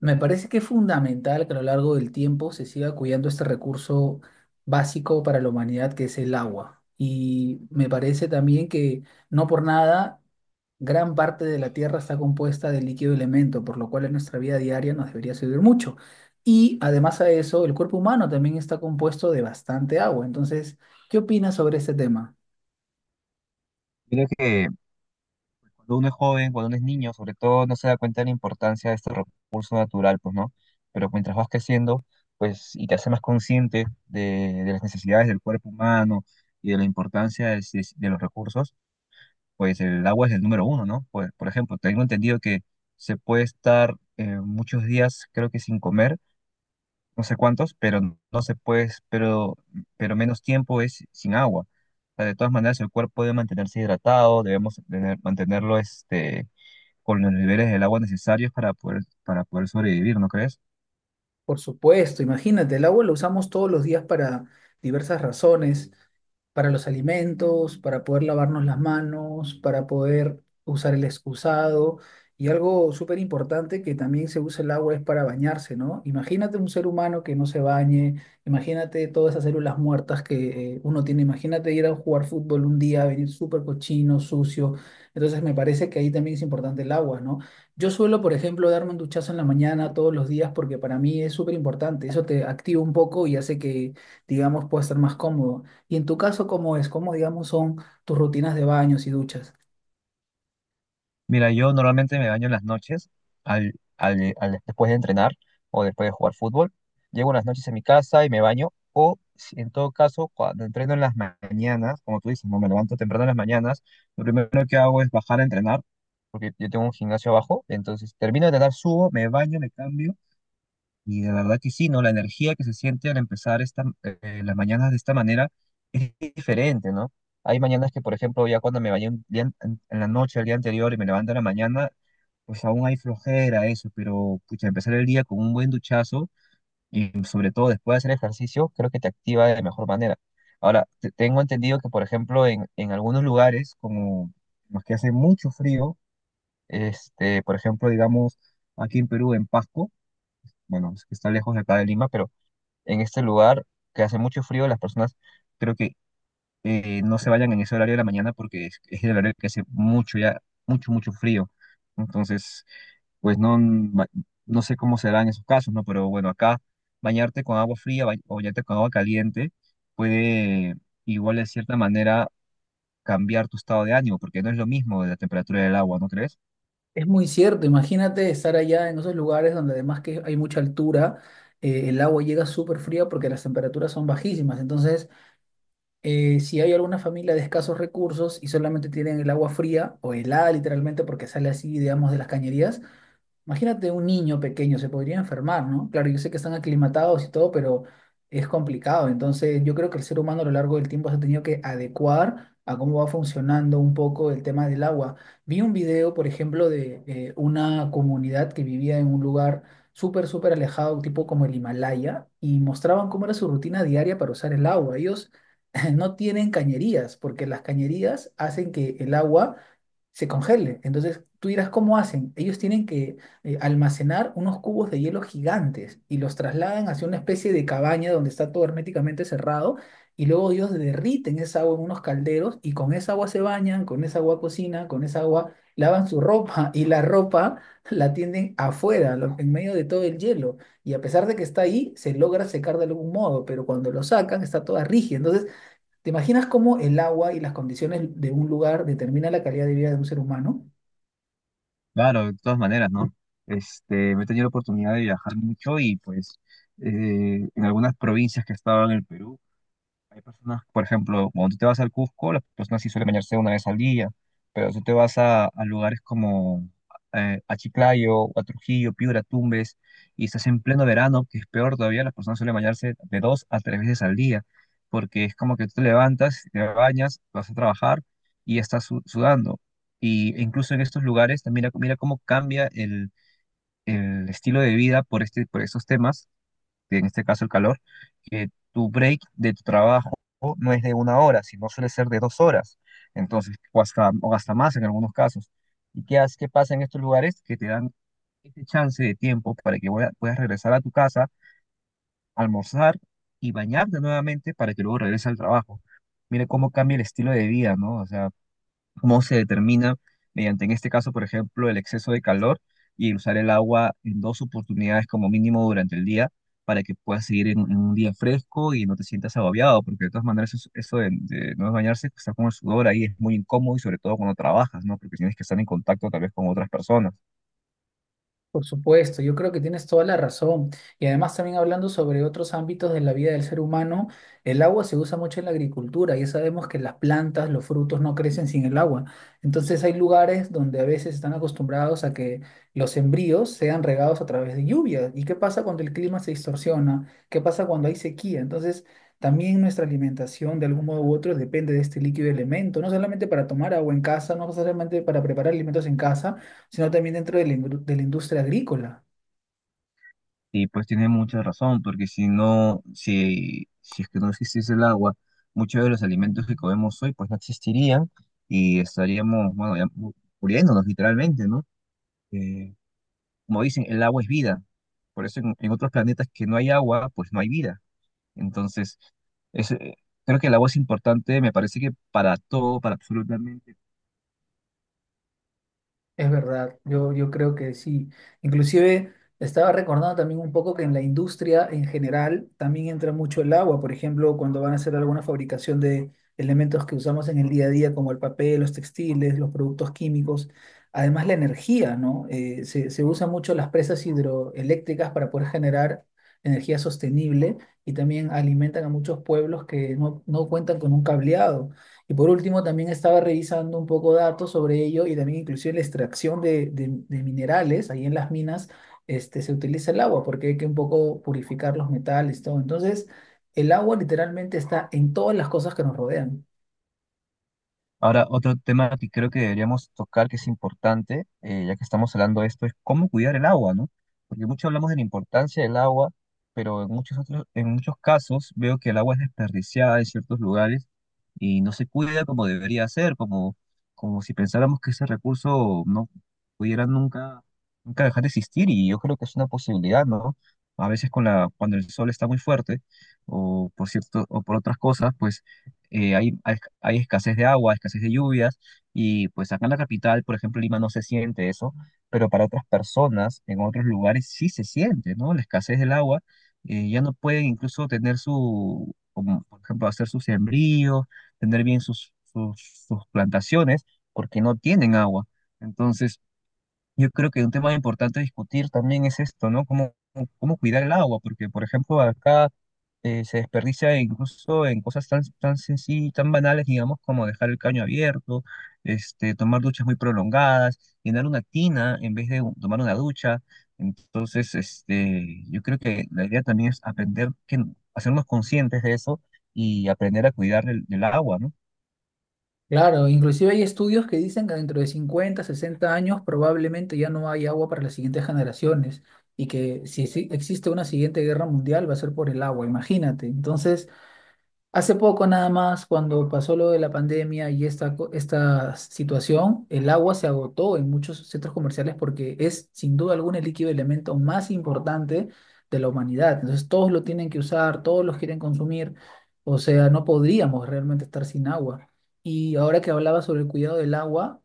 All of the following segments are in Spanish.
Me parece que es fundamental que a lo largo del tiempo se siga cuidando este recurso básico para la humanidad que es el agua. Y me parece también que no por nada gran parte de la Tierra está compuesta de líquido y elemento, por lo cual en nuestra vida diaria nos debería servir mucho. Y además a eso, el cuerpo humano también está compuesto de bastante agua. Entonces, ¿qué opinas sobre este tema? Yo que cuando uno es joven, cuando uno es niño, sobre todo, no se da cuenta de la importancia de este recurso natural, pues, ¿no? Pero mientras vas creciendo, pues, y te haces más consciente de las necesidades del cuerpo humano y de la importancia de los recursos, pues el agua es el número uno, ¿no? Por ejemplo, tengo entendido que se puede estar muchos días, creo que sin comer, no sé cuántos, pero no se puede, pero menos tiempo es sin agua. O sea, de todas maneras, el cuerpo debe mantenerse hidratado, mantenerlo este, con los niveles del agua necesarios para poder sobrevivir, ¿no crees? Por supuesto, imagínate, el agua lo usamos todos los días para diversas razones, para los alimentos, para poder lavarnos las manos, para poder usar el excusado. Y algo súper importante que también se usa el agua es para bañarse, ¿no? Imagínate un ser humano que no se bañe, imagínate todas esas células muertas que uno tiene, imagínate ir a jugar fútbol un día, venir súper cochino, sucio. Entonces me parece que ahí también es importante el agua, ¿no? Yo suelo, por ejemplo, darme un duchazo en la mañana todos los días porque para mí es súper importante. Eso te activa un poco y hace que, digamos, puedas estar más cómodo. Y en tu caso, ¿cómo es? ¿Cómo, digamos, son tus rutinas de baños y duchas? Mira, yo normalmente me baño en las noches, después de entrenar o después de jugar fútbol. Llego en las noches a mi casa y me baño. O si en todo caso, cuando entreno en las mañanas, como tú dices, no me levanto temprano en las mañanas, lo primero que hago es bajar a entrenar, porque yo tengo un gimnasio abajo. Entonces termino de entrenar, subo, me baño, me cambio. Y la verdad que sí, ¿no? La energía que se siente al empezar esta, las mañanas de esta manera es diferente, ¿no? Hay mañanas que, por ejemplo, ya cuando me bañé un día en la noche, el día anterior, y me levanto en la mañana, pues aún hay flojera, eso, pero pucha, empezar el día con un buen duchazo y sobre todo después de hacer ejercicio, creo que te activa de mejor manera. Ahora, tengo entendido que, por ejemplo, en algunos lugares, como los que hace mucho frío, este, por ejemplo, digamos, aquí en Perú, en Pasco, bueno, es que está lejos de acá de Lima, pero en este lugar que hace mucho frío, las personas creo que no se vayan en ese horario de la mañana porque es el horario que hace mucho ya, mucho, mucho frío. Entonces, pues no, no sé cómo será en esos casos, ¿no? Pero bueno, acá bañarte con agua fría o bañarte con agua caliente puede igual de cierta manera cambiar tu estado de ánimo, porque no es lo mismo la temperatura del agua, ¿no crees? Es muy cierto. Imagínate estar allá en esos lugares donde además que hay mucha altura, el agua llega súper fría porque las temperaturas son bajísimas. Entonces, si hay alguna familia de escasos recursos y solamente tienen el agua fría o helada literalmente porque sale así, digamos, de las cañerías, imagínate un niño pequeño, se podría enfermar, ¿no? Claro, yo sé que están aclimatados y todo, pero es complicado. Entonces, yo creo que el ser humano a lo largo del tiempo se ha tenido que adecuar a cómo va funcionando un poco el tema del agua. Vi un video, por ejemplo, de una comunidad que vivía en un lugar súper alejado, tipo como el Himalaya, y mostraban cómo era su rutina diaria para usar el agua. Ellos no tienen cañerías, porque las cañerías hacen que el agua se congele. Entonces, tú dirás, ¿cómo hacen? Ellos tienen que almacenar unos cubos de hielo gigantes y los trasladan hacia una especie de cabaña donde está todo herméticamente cerrado y luego ellos derriten esa agua en unos calderos y con esa agua se bañan, con esa agua cocinan, con esa agua lavan su ropa y la ropa la tienden afuera, en medio de todo el hielo. Y a pesar de que está ahí, se logra secar de algún modo, pero cuando lo sacan está toda rígida. Entonces, ¿te imaginas cómo el agua y las condiciones de un lugar determinan la calidad de vida de un ser humano? Claro, de todas maneras, ¿no? Este, me he tenido la oportunidad de viajar mucho y pues en algunas provincias que estaban en el Perú, hay personas, por ejemplo, cuando tú te vas al Cusco, las personas sí suelen bañarse una vez al día, pero si tú te vas a lugares como a Chiclayo, o a Trujillo, Piura, Tumbes, y estás en pleno verano, que es peor todavía, las personas suelen bañarse de dos a tres veces al día, porque es como que tú te levantas, te bañas, vas a trabajar y estás sudando. Y e incluso en estos lugares, mira, mira cómo cambia el estilo de vida por, este, por estos temas que en este caso el calor, que tu break de tu trabajo no es de una hora, sino suele ser de dos horas, entonces, o hasta más en algunos casos. ¿Y qué, qué pasa en estos lugares? Que te dan este chance de tiempo para que puedas regresar a tu casa, almorzar y bañarte nuevamente para que luego regreses al trabajo. Mire cómo cambia el estilo de vida, ¿no? O sea, cómo se determina mediante, en este caso, por ejemplo, el exceso de calor y usar el agua en dos oportunidades como mínimo durante el día para que puedas seguir en un día fresco y no te sientas agobiado, porque de todas maneras eso, eso de no bañarse, estar con el sudor ahí es muy incómodo y sobre todo cuando trabajas, ¿no? Porque tienes que estar en contacto tal vez con otras personas. Por supuesto, yo creo que tienes toda la razón. Y además también hablando sobre otros ámbitos de la vida del ser humano, el agua se usa mucho en la agricultura. Ya sabemos que las plantas, los frutos no crecen sin el agua. Entonces hay lugares donde a veces están acostumbrados a que los sembríos sean regados a través de lluvia. ¿Y qué pasa cuando el clima se distorsiona? ¿Qué pasa cuando hay sequía? Entonces también nuestra alimentación de algún modo u otro depende de este líquido elemento, no solamente para tomar agua en casa, no solamente para preparar alimentos en casa sino también dentro de la, de la industria agrícola. Y pues tiene mucha razón, porque si no, si, si es que no existiese el agua, muchos de los alimentos que comemos hoy pues no existirían y estaríamos, bueno, muriéndonos literalmente, ¿no? eh, como dicen, el agua es vida. Por eso en otros planetas que no hay agua, pues no hay vida. Entonces, es, creo que el agua es importante, me parece que para todo, para absolutamente. Es verdad, yo creo que sí. Inclusive estaba recordando también un poco que en la industria en general también entra mucho el agua, por ejemplo, cuando van a hacer alguna fabricación de elementos que usamos en el día a día, como el papel, los textiles, los productos químicos, además la energía, ¿no? Se usan mucho las presas hidroeléctricas para poder generar energía sostenible y también alimentan a muchos pueblos que no cuentan con un cableado. Y por último, también estaba revisando un poco datos sobre ello y también inclusive la extracción de, de minerales ahí en las minas, este, se utiliza el agua porque hay que un poco purificar los metales, todo. Entonces, el agua literalmente está en todas las cosas que nos rodean. Ahora, otro tema que creo que deberíamos tocar, que es importante, ya que estamos hablando de esto, es cómo cuidar el agua, ¿no? Porque mucho hablamos de la importancia del agua, pero en muchos otros, en muchos casos veo que el agua es desperdiciada en ciertos lugares y no se cuida como debería ser, como, como si pensáramos que ese recurso no pudiera nunca, nunca dejar de existir, y yo creo que es una posibilidad, ¿no? A veces con la, cuando el sol está muy fuerte, o por cierto, o por otras cosas, pues eh, hay, hay, hay escasez de agua, escasez de lluvias, y pues acá en la capital, por ejemplo, Lima no se siente eso, pero para otras personas en otros lugares sí se siente, ¿no? La escasez del agua, ya no pueden incluso tener su, como, por ejemplo, hacer sus sembríos, tener bien sus plantaciones, porque no tienen agua. Entonces, yo creo que un tema importante a discutir también es esto, ¿no? Cómo, cómo cuidar el agua, porque, por ejemplo, acá se desperdicia incluso en cosas tan, tan sencillas, tan banales, digamos, como dejar el caño abierto, este, tomar duchas muy prolongadas, llenar una tina en vez de tomar una ducha. Entonces, este, yo creo que la idea también es aprender, que, hacernos conscientes de eso y aprender a cuidar del agua, ¿no? Claro, inclusive hay estudios que dicen que dentro de 50 60 años probablemente ya no hay agua para las siguientes generaciones y que si existe una siguiente guerra mundial va a ser por el agua, imagínate. Entonces... Hace poco nada más, cuando pasó lo de la pandemia y esta, esta situación, el agua se agotó en muchos centros comerciales porque es sin duda alguna el líquido elemento más importante de la humanidad. Entonces todos lo tienen que usar, todos los quieren consumir, o sea, no podríamos realmente estar sin agua. Y ahora que hablaba sobre el cuidado del agua,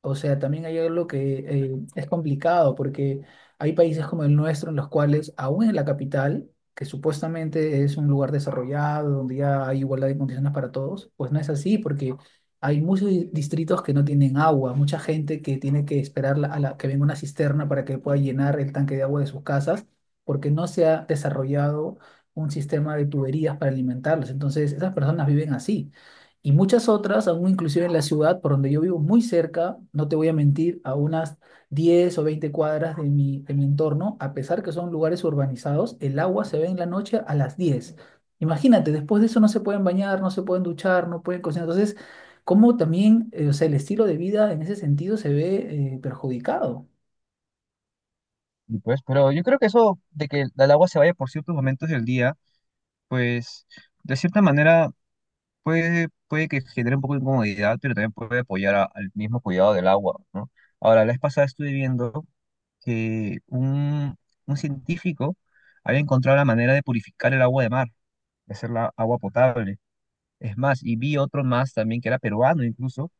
o sea, también hay algo que es complicado porque hay países como el nuestro en los cuales, aún en la capital, que supuestamente es un lugar desarrollado, donde ya hay igualdad de condiciones para todos, pues no es así, porque hay muchos distritos que no tienen agua, mucha gente que tiene que esperar a la, que venga una cisterna para que pueda llenar el tanque de agua de sus casas, porque no se ha desarrollado un sistema de tuberías para alimentarlos. Entonces, esas personas viven así. Y muchas otras, aún inclusive en la ciudad, por donde yo vivo, muy cerca, no te voy a mentir, a unas 10 o 20 cuadras de de mi entorno, a pesar que son lugares urbanizados, el agua se ve en la noche a las 10. Imagínate, después de eso no se pueden bañar, no se pueden duchar, no pueden cocinar. Entonces, cómo también, o sea, el estilo de vida en ese sentido se ve perjudicado. Y pues, pero yo creo que eso de que el agua se vaya por ciertos momentos del día pues de cierta manera puede, puede que genere un poco de incomodidad, pero también puede apoyar al mismo cuidado del agua, ¿no? Ahora, la vez pasada estuve viendo que un científico había encontrado la manera de purificar el agua de mar, de hacerla agua potable. Es más, y vi otro más también que era peruano incluso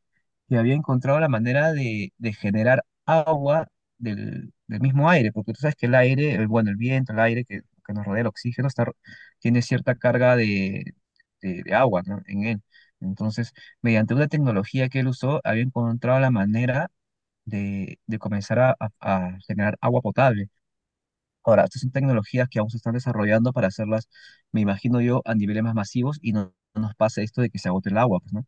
que había encontrado la manera de generar agua del mismo aire, porque tú sabes que el aire, el, bueno, el viento, el aire que nos rodea, el oxígeno, está, tiene cierta carga de, de agua, ¿no? en él. Entonces, mediante una tecnología que él usó, había encontrado la manera de comenzar a, a generar agua potable. Ahora, estas son tecnologías que aún se están desarrollando para hacerlas, me imagino yo, a niveles más masivos y no, no nos pase esto de que se agote el agua, pues, ¿no?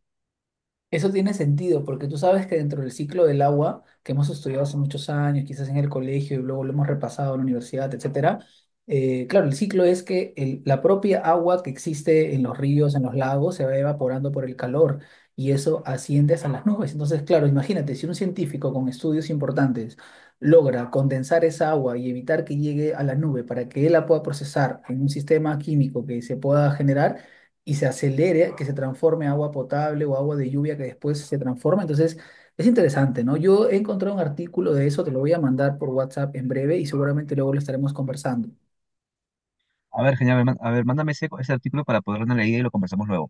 Eso tiene sentido, porque tú sabes que dentro del ciclo del agua, que hemos estudiado hace muchos años, quizás en el colegio y luego lo hemos repasado en la universidad, etcétera, claro, el ciclo es que la propia agua que existe en los ríos, en los lagos, se va evaporando por el calor y eso asciende a las nubes. Entonces, claro, imagínate, si un científico con estudios importantes logra condensar esa agua y evitar que llegue a la nube para que él la pueda procesar en un sistema químico que se pueda generar, y se acelere, que se transforme en agua potable o agua de lluvia que después se transforma. Entonces, es interesante, ¿no? Yo he encontrado un artículo de eso, te lo voy a mandar por WhatsApp en breve y seguramente luego lo estaremos conversando. A ver, genial, a ver, a ver, mándame ese, ese artículo para poderlo leer y lo conversamos luego.